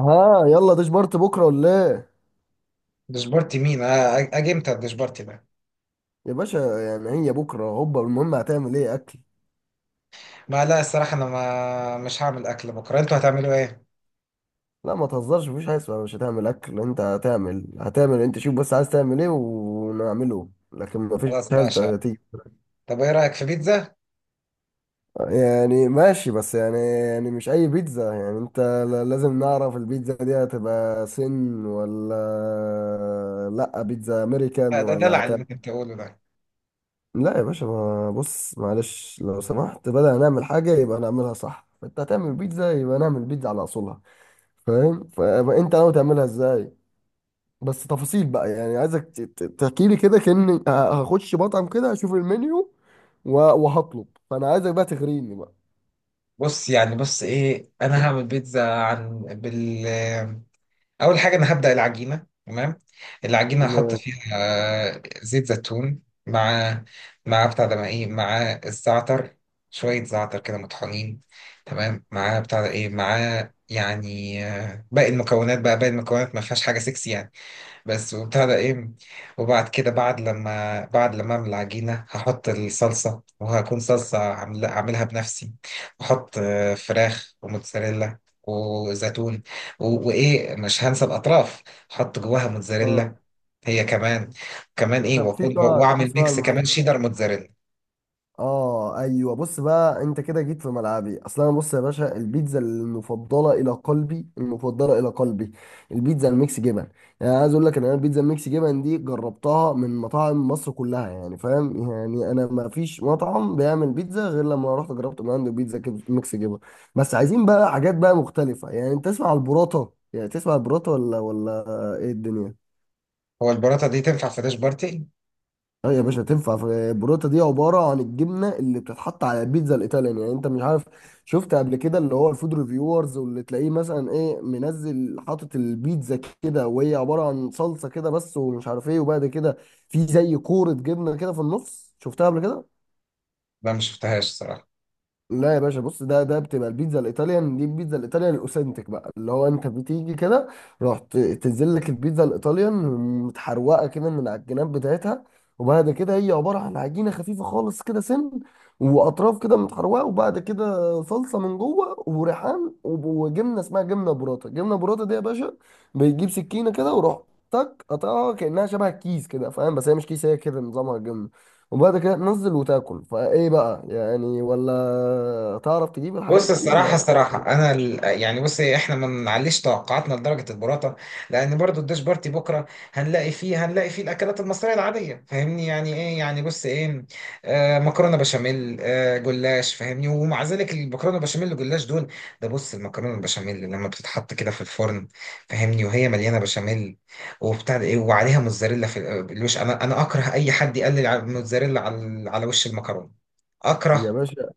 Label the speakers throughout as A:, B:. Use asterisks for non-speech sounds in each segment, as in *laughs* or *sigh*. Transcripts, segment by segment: A: ها، يلا ديش بارت بكره ولا ايه؟
B: دشبارتي مين؟ اجي امتى الدشبارتي ده؟
A: يا باشا يعني هي بكره هوبا، المهم هتعمل ايه اكل؟
B: ما لا الصراحه انا ما مش هعمل اكل بكره. انتوا هتعملوا ايه؟
A: لا، ما تهزرش، مفيش حاجه اسمها مش هتعمل اكل، انت هتعمل انت شوف بس عايز تعمل ايه ونعمله، لكن مفيش
B: خلاص ماشي.
A: حاجه تيجي.
B: طب ايه رايك في بيتزا؟
A: يعني ماشي، بس يعني مش اي بيتزا، يعني انت لازم نعرف البيتزا دي هتبقى سن ولا؟ لا بيتزا امريكان
B: ده
A: ولا؟
B: دلع اللي انت بتقوله ده.
A: لا يا باشا، ما بص، معلش لو سمحت، بدل نعمل حاجة يبقى نعملها صح، انت هتعمل بيتزا يبقى نعمل بيتزا على اصولها. فاهم؟ فانت ناوي تعملها ازاي؟ بس تفاصيل بقى، يعني عايزك تحكي لي كده كأني هخش مطعم كده اشوف المنيو و- وهطلب، فانا عايزك بقى تغريني بقى.
B: بص ايه، انا هعمل بيتزا عن بال. اول حاجه انا هبدا العجينه، تمام؟ العجينه هحط
A: م-
B: فيها زيت زيتون، مع مع بتاع ده مع ايه مع الزعتر، شويه زعتر كده مطحونين، تمام، مع بتاع ده ايه مع. يعني باقي المكونات بقى، باقي المكونات ما فيهاش حاجه سكسي يعني، بس وبتاع ده ايه. وبعد كده بعد لما اعمل العجينه هحط الصلصه، وهكون صلصه عاملها بنفسي، واحط فراخ وموتزاريلا وزيتون، وايه مش هنسى الاطراف. احط جواها
A: آه.
B: موتزاريلا هي كمان. كمان ايه،
A: طب في
B: واكون
A: سؤال،
B: واعمل ميكس
A: معلش.
B: كمان شيدر موتزاريلا.
A: اه ايوه، بص بقى، انت كده جيت في ملعبي، اصل انا، بص يا باشا، البيتزا المفضله الى قلبي، البيتزا الميكس جبن. يعني عايز اقول لك ان انا البيتزا الميكس جبن دي جربتها من مطاعم مصر كلها، يعني فاهم، يعني انا ما فيش مطعم بيعمل بيتزا غير لما رحت جربت من عنده بيتزا ميكس جبن. بس عايزين بقى حاجات بقى مختلفه، يعني انت تسمع البراطه، يعني تسمع البراطه ولا ايه الدنيا؟
B: هو البراطه دي تنفع في داش بارتي؟
A: اه يا باشا، تنفع. في بروتا، دي عباره عن الجبنه اللي بتتحط على البيتزا الايطاليان، يعني انت مش عارف؟ شفت قبل كده اللي هو الفود ريفيورز، واللي تلاقيه مثلا ايه منزل حاطط البيتزا كده وهي عباره عن صلصه كده بس ومش عارف ايه، وبعد كده في زي كوره جبنه كده في النص، شفتها قبل كده؟
B: لا مش شفتهاش صراحه.
A: لا يا باشا، بص، ده بتبقى البيتزا الايطاليان، دي البيتزا الايطاليان الاوثنتيك بقى، اللي هو انت بتيجي كده رحت تنزل لك البيتزا الايطاليان متحروقه كده من على الجناب بتاعتها، وبعد كده هي عباره عن عجينه خفيفه خالص كده سن، واطراف كده متحروقه، وبعد كده صلصه من جوه وريحان وجبنه اسمها جبنه براطه. جبنه براطه دي يا باشا، بيجيب سكينه كده وروح تك قطعها كانها شبه الكيس كده، فاهم؟ بس هي مش كيس، هي كده نظامها جبنه، وبعد كده تنزل وتاكل. فايه بقى يعني، ولا تعرف تجيب الحاجات
B: بص
A: دي
B: الصراحة،
A: ولا؟
B: الصراحة أنا يعني بص إيه، إحنا ما نعليش توقعاتنا لدرجة البراطة، لأن برضو الديش بارتي بكرة هنلاقي فيه الأكلات المصرية العادية. فاهمني يعني إيه، يعني بص إيه، آه مكرونة بشاميل، آه جلاش. فاهمني؟ ومع ذلك المكرونة بشاميل والجلاش دول، ده بص المكرونة البشاميل لما بتتحط كده في الفرن، فاهمني، وهي مليانة بشاميل وبتاع ده إيه، وعليها موتزاريلا في الوش. أنا أكره أي حد يقلل على الموتزاريلا، على على وش المكرونة،
A: يا
B: أكرهه.
A: باشا،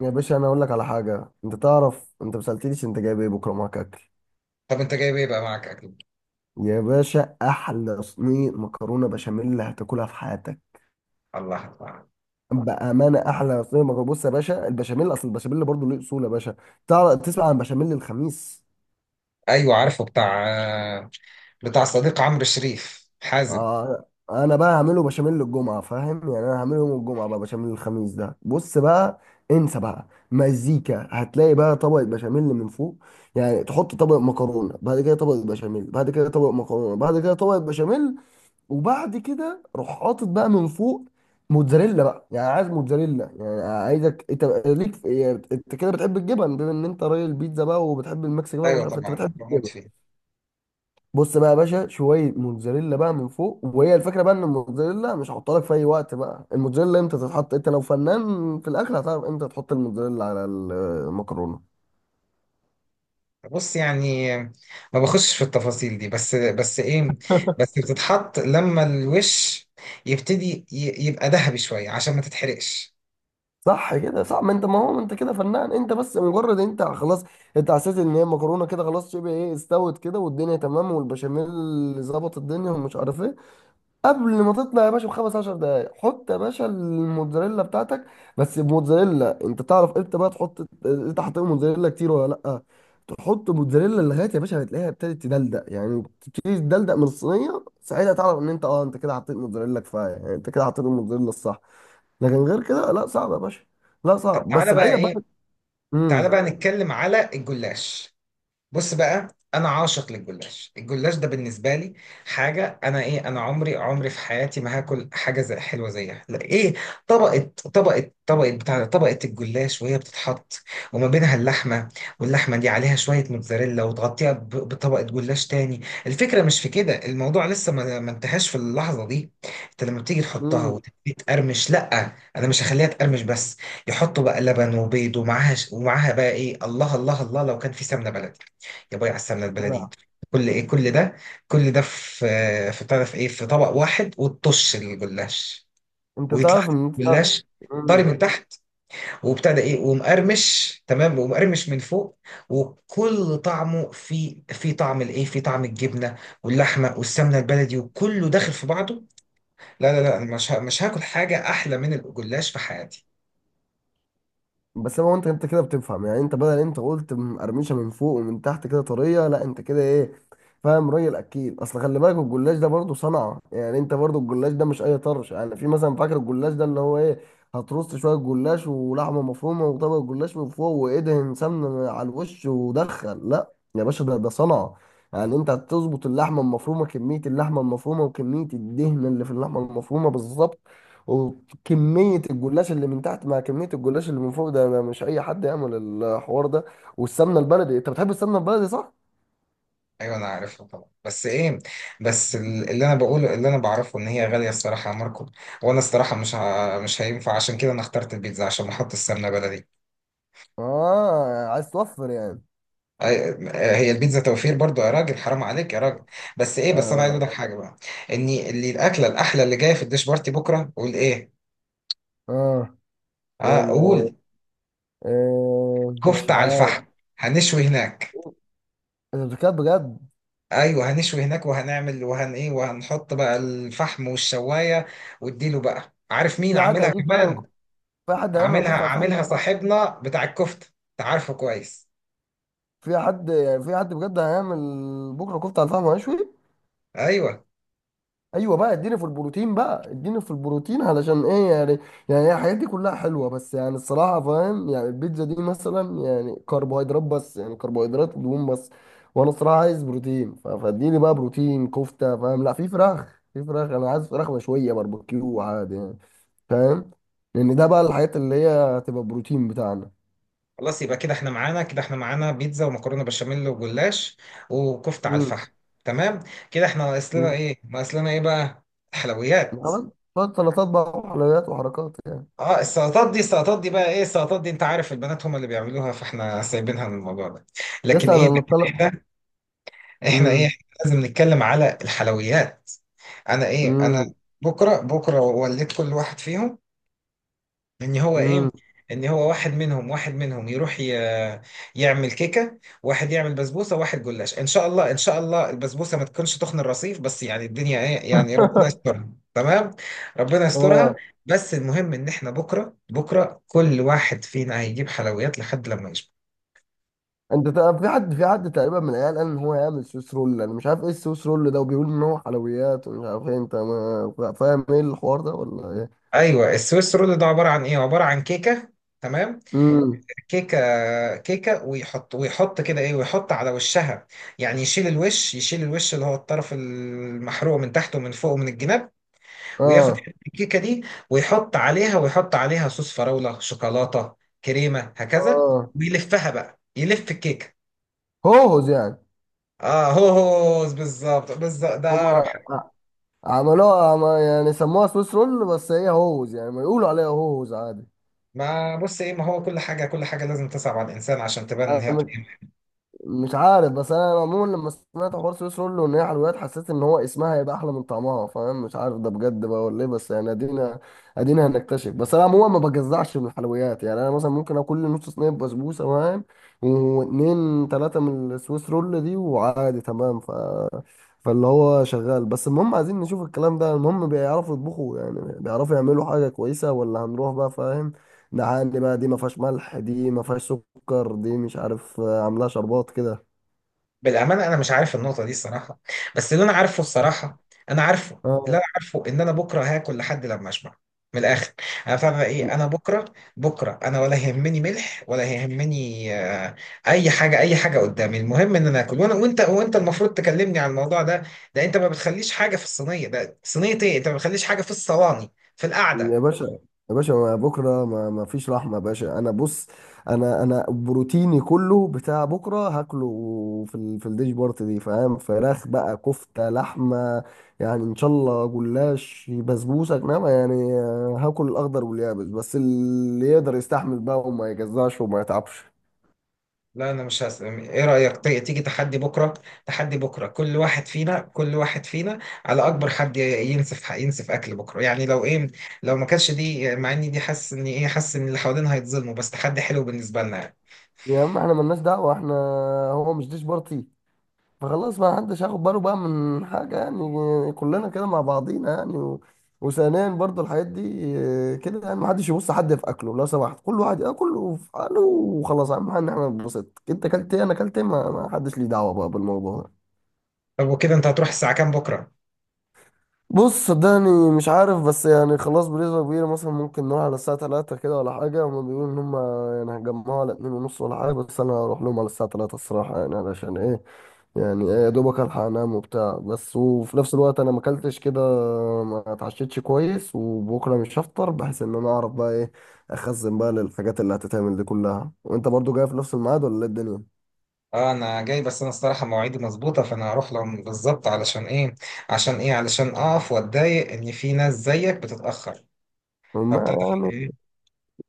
A: انا اقول لك على حاجه، انت تعرف انت ما سالتنيش انت جايب ايه بكره معاك اكل؟
B: طب أنت جايب إيه بقى معاك أكل؟
A: يا باشا، احلى صينيه مكرونه بشاميل اللي هتاكلها في حياتك،
B: الله الله.
A: بامانه، احلى صينيه مكرونه. بص يا باشا، البشاميل اصل البشاميل برضه له اصول يا باشا. تعرف تسمع عن بشاميل الخميس؟
B: ايوه عارفه بتاع، بتاع صديق عمرو شريف، حازم.
A: آه، انا بقى هعمله بشاميل الجمعه، فاهم؟ يعني انا هعمله يوم الجمعه. بقى بشاميل الخميس ده، بص بقى، انسى بقى مزيكا. هتلاقي بقى طبقه بشاميل من فوق، يعني تحط طبق مكرونه بعد كده طبقه بشاميل بعد كده طبق مكرونه بعد كده طبقه بشاميل، وبعد كده روح حاطط بقى من فوق موتزاريلا بقى، يعني عايز موتزاريلا. يعني عايزك انت ليك يعني انت كده بتحب الجبن، بما ان انت راجل بيتزا بقى وبتحب الميكس جبن، مش
B: ايوه
A: عارف إيه، انت
B: طبعا
A: بتحب
B: بموت
A: الجبن.
B: فيه.
A: بص بقى يا باشا، شويه موتزاريلا بقى من فوق، وهي الفكره بقى ان الموتزاريلا مش هحطها لك في اي وقت بقى. الموتزاريلا امتى تتحط؟ انت لو فنان في الاخر هتعرف امتى تحط الموتزاريلا على المكرونه.
B: بص يعني، ما بخشش في التفاصيل دي، بس بس ايه، بس بتتحط لما الوش يبتدي يبقى ذهبي شويه عشان ما تتحرقش.
A: صح كده، صح. ما انت، ما هو انت كده فنان، انت بس مجرد انت خلاص، انت حسيت ان هي المكرونه كده خلاص شبه ايه، استوت كده والدنيا تمام، والبشاميل ظبط الدنيا ومش عارف ايه، قبل ما تطلع يا باشا بخمس عشر دقايق، حط يا باشا الموتزاريلا بتاعتك. بس موتزاريلا، انت تعرف امتى بقى تحط، انت حطيت موتزاريلا كتير ولا لا؟ تحط موتزاريلا لغايه يا باشا ما تلاقيها ابتدت تدلدق، يعني تبتدي تدلدق من الصينيه، ساعتها تعرف ان انت اه انت كده حطيت موتزاريلا كفايه، يعني انت كده حطيت الموتزاريلا الصح. لكن غير كده لا، صعب يا باشا. لا،
B: طب
A: صعب
B: تعالى
A: بس
B: بقى
A: بعيده
B: ايه،
A: بقى.
B: تعالى
A: امم
B: بقى نتكلم على الجلاش. بص بقى، انا عاشق للجلاش. الجلاش ده بالنسبه لي حاجه، انا ايه، انا عمري، عمري في حياتي ما هاكل حاجه زي حلوه زيها، لا ايه. طبقه طبقه طبقه بتاع طبقه الجلاش، وهي بتتحط وما بينها اللحمه، واللحمه دي عليها شويه موتزاريلا وتغطيها بطبقه جلاش تاني. الفكره مش في كده، الموضوع لسه ما انتهاش في اللحظه دي. انت لما بتيجي تحطها
A: امم
B: وتبتدي تقرمش، لا انا مش هخليها تقرمش بس. يحطوا بقى لبن وبيض ومعاها، ومعاها بقى ايه، الله الله الله، لو كان في سمنه بلدي، جابوا لي على السمنه
A: لا،
B: البلدي، كل ايه، كل ده، كل ده في في بتعرف ايه، في طبق واحد، وتطش الجلاش،
A: انت
B: ويطلع
A: تعرف
B: لك
A: ان انت.
B: الجلاش طري من
A: امم
B: تحت، وابتدى ايه ومقرمش تمام ومقرمش من فوق. وكل طعمه في في طعم الايه، في طعم الجبنه واللحمه والسمنه البلدي وكله داخل في بعضه. لا لا لا، أنا مش هاكل حاجه احلى من الجلاش في حياتي.
A: بس ما هو انت، انت كده بتفهم، يعني انت بدل انت قلت قرمشه من فوق ومن تحت، كده طريه. لا انت كده ايه، فاهم؟ راجل اكيد. اصل خلي بالك الجلاش ده برضه صنعه، يعني انت برضه الجلاش ده مش اي طرش يعني. في مثلا فاكر الجلاش ده اللي هو ايه، هترص شويه جلاش ولحمه مفرومه وطبق الجلاش من فوق وادهن سمنه على الوش ودخل. لا يا باشا، ده صنعه. يعني انت هتظبط اللحمه المفرومه، كميه اللحمه المفرومه وكميه الدهن اللي في اللحمه المفرومه بالظبط، كمية الجلاش اللي من تحت مع كمية الجلاش اللي من فوق. ده أنا مش أي حد يعمل الحوار ده. والسمنة البلدي، أنت بتحب السمنة البلدي صح؟
B: ايوه انا عارفها طبعا، بس ايه، بس اللي انا بقوله، اللي انا بعرفه ان هي غاليه الصراحه يا ماركو. وانا الصراحه مش هينفع، عشان كده انا اخترت البيتزا عشان احط السمنه بلدي.
A: آه، عايز توفر يعني.
B: أي- هي البيتزا توفير برضو يا راجل، حرام عليك يا راجل. بس ايه، بس انا عايز
A: آه
B: اقول لك حاجه بقى، ان اللي الاكله الاحلى اللي جايه في الديش بارتي بكره، قول ايه.
A: آه
B: اه
A: إم-
B: قول،
A: آه، مش
B: كفته على
A: عارف.
B: الفحم. هنشوي هناك.
A: أنت بتتكلم بجد؟
B: ايوه هنشوي هناك، وهنعمل وهن ايه، وهنحط بقى الفحم والشوايه، واديله بقى. عارف مين
A: في حد
B: عاملها
A: هيجيب فعلا؟
B: كمان؟
A: في حد هيعمل
B: عاملها،
A: كفتة على الفحم؟
B: عاملها صاحبنا بتاع الكفته، انت عارفه كويس.
A: في حد يعني، في حد بجد هيعمل بكرة كفتة على الفحم وهيشوي؟
B: ايوه.
A: ايوه بقى، اديني في البروتين بقى، اديني في البروتين علشان ايه يعني. يعني هي الحاجات دي كلها حلوه، بس يعني الصراحه فاهم، يعني البيتزا دي مثلا يعني كربوهيدرات بس، يعني كربوهيدرات ودهون بس. وانا الصراحه عايز بروتين، فاديني بقى بروتين كفته فاهم، لا في فراخ، انا عايز فراخ مشويه باربيكيو عادي يعني، فاهم، لان ده بقى الحاجات اللي هي هتبقى بروتين بتاعنا.
B: خلاص يبقى كده احنا معانا، كده احنا معانا بيتزا ومكرونه بشاميل وجلاش وكفته على
A: امم
B: الفحم، تمام. كده احنا ناقص لنا
A: امم
B: ايه، ناقص لنا ايه بقى، الحلويات.
A: طبعا. شويه سلطات بقى وحلويات وحركات يعني.
B: اه السلطات دي، السلطات دي بقى ايه، السلطات دي انت عارف البنات هم اللي بيعملوها، فاحنا سايبينها من الموضوع ده.
A: يس،
B: لكن ايه،
A: انا اللي
B: لكن
A: طلع.
B: احنا، احنا ايه،
A: امم
B: احنا لازم نتكلم على الحلويات. انا ايه، انا
A: امم
B: بكره، بكره وليت كل واحد فيهم ان هو
A: امم
B: ايه، ان هو واحد منهم، واحد منهم يروح يعمل كيكه، واحد يعمل بسبوسه، واحد جلاش، ان شاء الله، ان شاء الله البسبوسه ما تكونش تخن الرصيف، بس يعني الدنيا ايه، يعني ربنا
A: *laughs*
B: يسترها، تمام، ربنا يسترها.
A: اه.
B: بس المهم ان احنا بكره، بكره كل واحد فينا هيجيب حلويات لحد لما يشبع.
A: انت في حد، تقريبا من العيال قال ان هو يعمل سويس رول، انا مش عارف ايه السويس رول ده، وبيقول ان هو حلويات ومش عارف ايه، انت ما فاهم ايه الحوار ده ولا ايه؟
B: ايوه السويس رول ده عباره عن ايه، عباره عن كيكه، تمام،
A: امم
B: كيكه، كيكه، ويحط، ويحط كده ايه، ويحط على وشها، يعني يشيل الوش، يشيل الوش اللي هو الطرف المحروق من تحت ومن فوق ومن الجناب، وياخد
A: اه،
B: حتة الكيكه دي، ويحط عليها، ويحط عليها صوص فراوله شوكولاته كريمه هكذا،
A: اه،
B: ويلفها بقى، يلف الكيكه.
A: هوز يعني.
B: اه هو هو بالظبط، بالظبط ده
A: هم.
B: اقرب حاجه.
A: عملوها يعني سموها سويس رول، بس هي هوز يعني، ما يقولوا عليها هوز.
B: ما بص ايه، ما هو كل حاجه، كل حاجه لازم تصعب على الانسان عشان تبان ان هي
A: عادي،
B: قيمه.
A: مش عارف. بس انا عموما لما سمعت حوار سويس رول ان هي حلويات، حسيت ان هو اسمها هيبقى احلى من طعمها، فاهم، مش عارف ده بجد بقى ولا ايه، بس يعني ادينا، هنكتشف. بس انا عموما ما بجزعش من الحلويات، يعني انا مثلا ممكن اكل لي نص صينيه بسبوسه، فاهم، واتنين تلاته من السويس رول دي وعادي تمام. فاللي هو شغال بس المهم عايزين نشوف الكلام ده، المهم بيعرفوا يطبخوا، يعني بيعرفوا يعملوا حاجه كويسه ولا هنروح بقى فاهم. ده عندي بقى، دي ما فيهاش ملح، دي ما فيهاش سكر، دي مش عارف عاملاها شربات كده.
B: بالامانه انا مش عارف النقطه دي الصراحه، بس اللي انا عارفه الصراحه، انا عارفه، اللي
A: اه
B: انا عارفه ان انا بكره هاكل لحد لما اشبع، من الاخر. انا فاهم ايه، انا بكره، بكره انا ولا يهمني ملح، ولا يهمني اي حاجه، اي حاجه قدامي. المهم ان انا اكل، وانا وانت، وانت المفروض تكلمني عن الموضوع ده. ده انت ما بتخليش حاجه في الصينيه، ده صينيه ايه، انت ما بتخليش حاجه في الصواني في
A: يا
B: القعده.
A: باشا، ما بكره ما فيش رحمه يا باشا انا. بص، انا بروتيني كله بتاع بكره هاكله في الديش بارت دي، فاهم، فراخ بقى، كفته، لحمه، يعني ان شاء الله جلاش، بسبوسه، انما يعني هاكل الاخضر واليابس بس اللي يقدر يستحمل بقى وما يجزعش وما يتعبش.
B: لا انا مش هس... ايه رأيك تيجي تحدي بكرة، تحدي بكرة كل واحد فينا، كل واحد فينا على اكبر حد ينسف، ينسف اكل بكرة، يعني لو ايه، لو ما كانش دي، مع اني دي حاسس ان ايه، حاسس ان اللي حوالينا هيتظلموا، بس تحدي حلو بالنسبة لنا يعني.
A: يا عم احنا ملناش دعوه احنا، هو مش ديش بارتي؟ فخلاص، ما حدش هياخد باله بقى من حاجة، يعني كلنا كده مع بعضينا يعني وثانيا برضو الحاجات دي كده، يعني ما حدش يبص حد في اكله لو سمحت، كل واحد ياكل في حاله وخلاص، اهم حاجه ان احنا نتبسط، انت اكلت ايه انا اكلت ايه، ما حدش ليه دعوه بقى بالموضوع ده.
B: طب وكده انت هتروح الساعة كام بكرة؟
A: بص صدقني مش عارف، بس يعني خلاص بنسبه كبيره مثلا ممكن نروح على الساعه 3 كده ولا حاجه، هما بيقولوا ان هما يعني هيجمعوا على 2 ونص ولا حاجه، بس انا هروح لهم على الساعه 3 الصراحه، يعني علشان ايه، يعني إيه، يا دوبك الحق انام وبتاع بس، وفي نفس الوقت انا ما اكلتش كده، ما اتعشيتش كويس، وبكره مش هفطر بحيث ان انا اعرف بقى ايه، اخزن بقى للحاجات اللي هتتعمل دي كلها، وانت برضو جاي في نفس الميعاد ولا ايه الدنيا؟
B: اه انا جاي، بس انا الصراحة مواعيدي مظبوطة، فانا هروح لهم بالظبط، علشان ايه، عشان ايه، علشان اقف واتضايق ان في ناس زيك بتتأخر
A: ما
B: فبتاع
A: يعني
B: ده.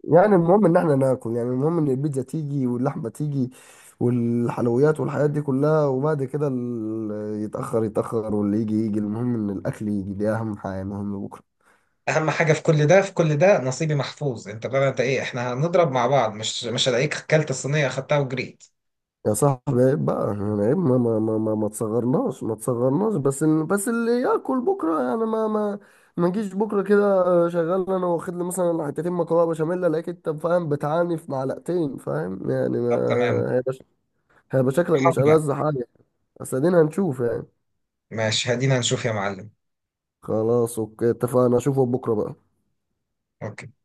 A: يعني المهم ان احنا ناكل، يعني المهم ان البيتزا تيجي واللحمه تيجي والحلويات والحاجات دي كلها، وبعد كده يتاخر واللي يجي يجي، المهم ان الاكل يجي، دي اهم حاجه، المهم بكره.
B: اهم حاجه في كل ده، في كل ده نصيبي محفوظ، انت بقى انت ايه، احنا هنضرب مع بعض، مش هلاقيك اكلت الصينيه خدتها وجريت.
A: يا صاحبي عيب بقى يعني عيب، ما تصغرناش، بس بس اللي ياكل بكره، يعني ما نجيش بكره كده. شغال انا واخد لي مثلا حتتين مكرونه بشاميل، الاقيك انت فاهم بتعاني في معلقتين فاهم يعني،
B: طب تمام،
A: ما هيبقى هيبقى شكلك مش
B: حاضر بقى.
A: ألذ حاجه. بس ادينا هنشوف يعني.
B: ماشي هدينا نشوف يا معلم.
A: خلاص اوكي اتفقنا، اشوفه بكره بقى.
B: اوكي.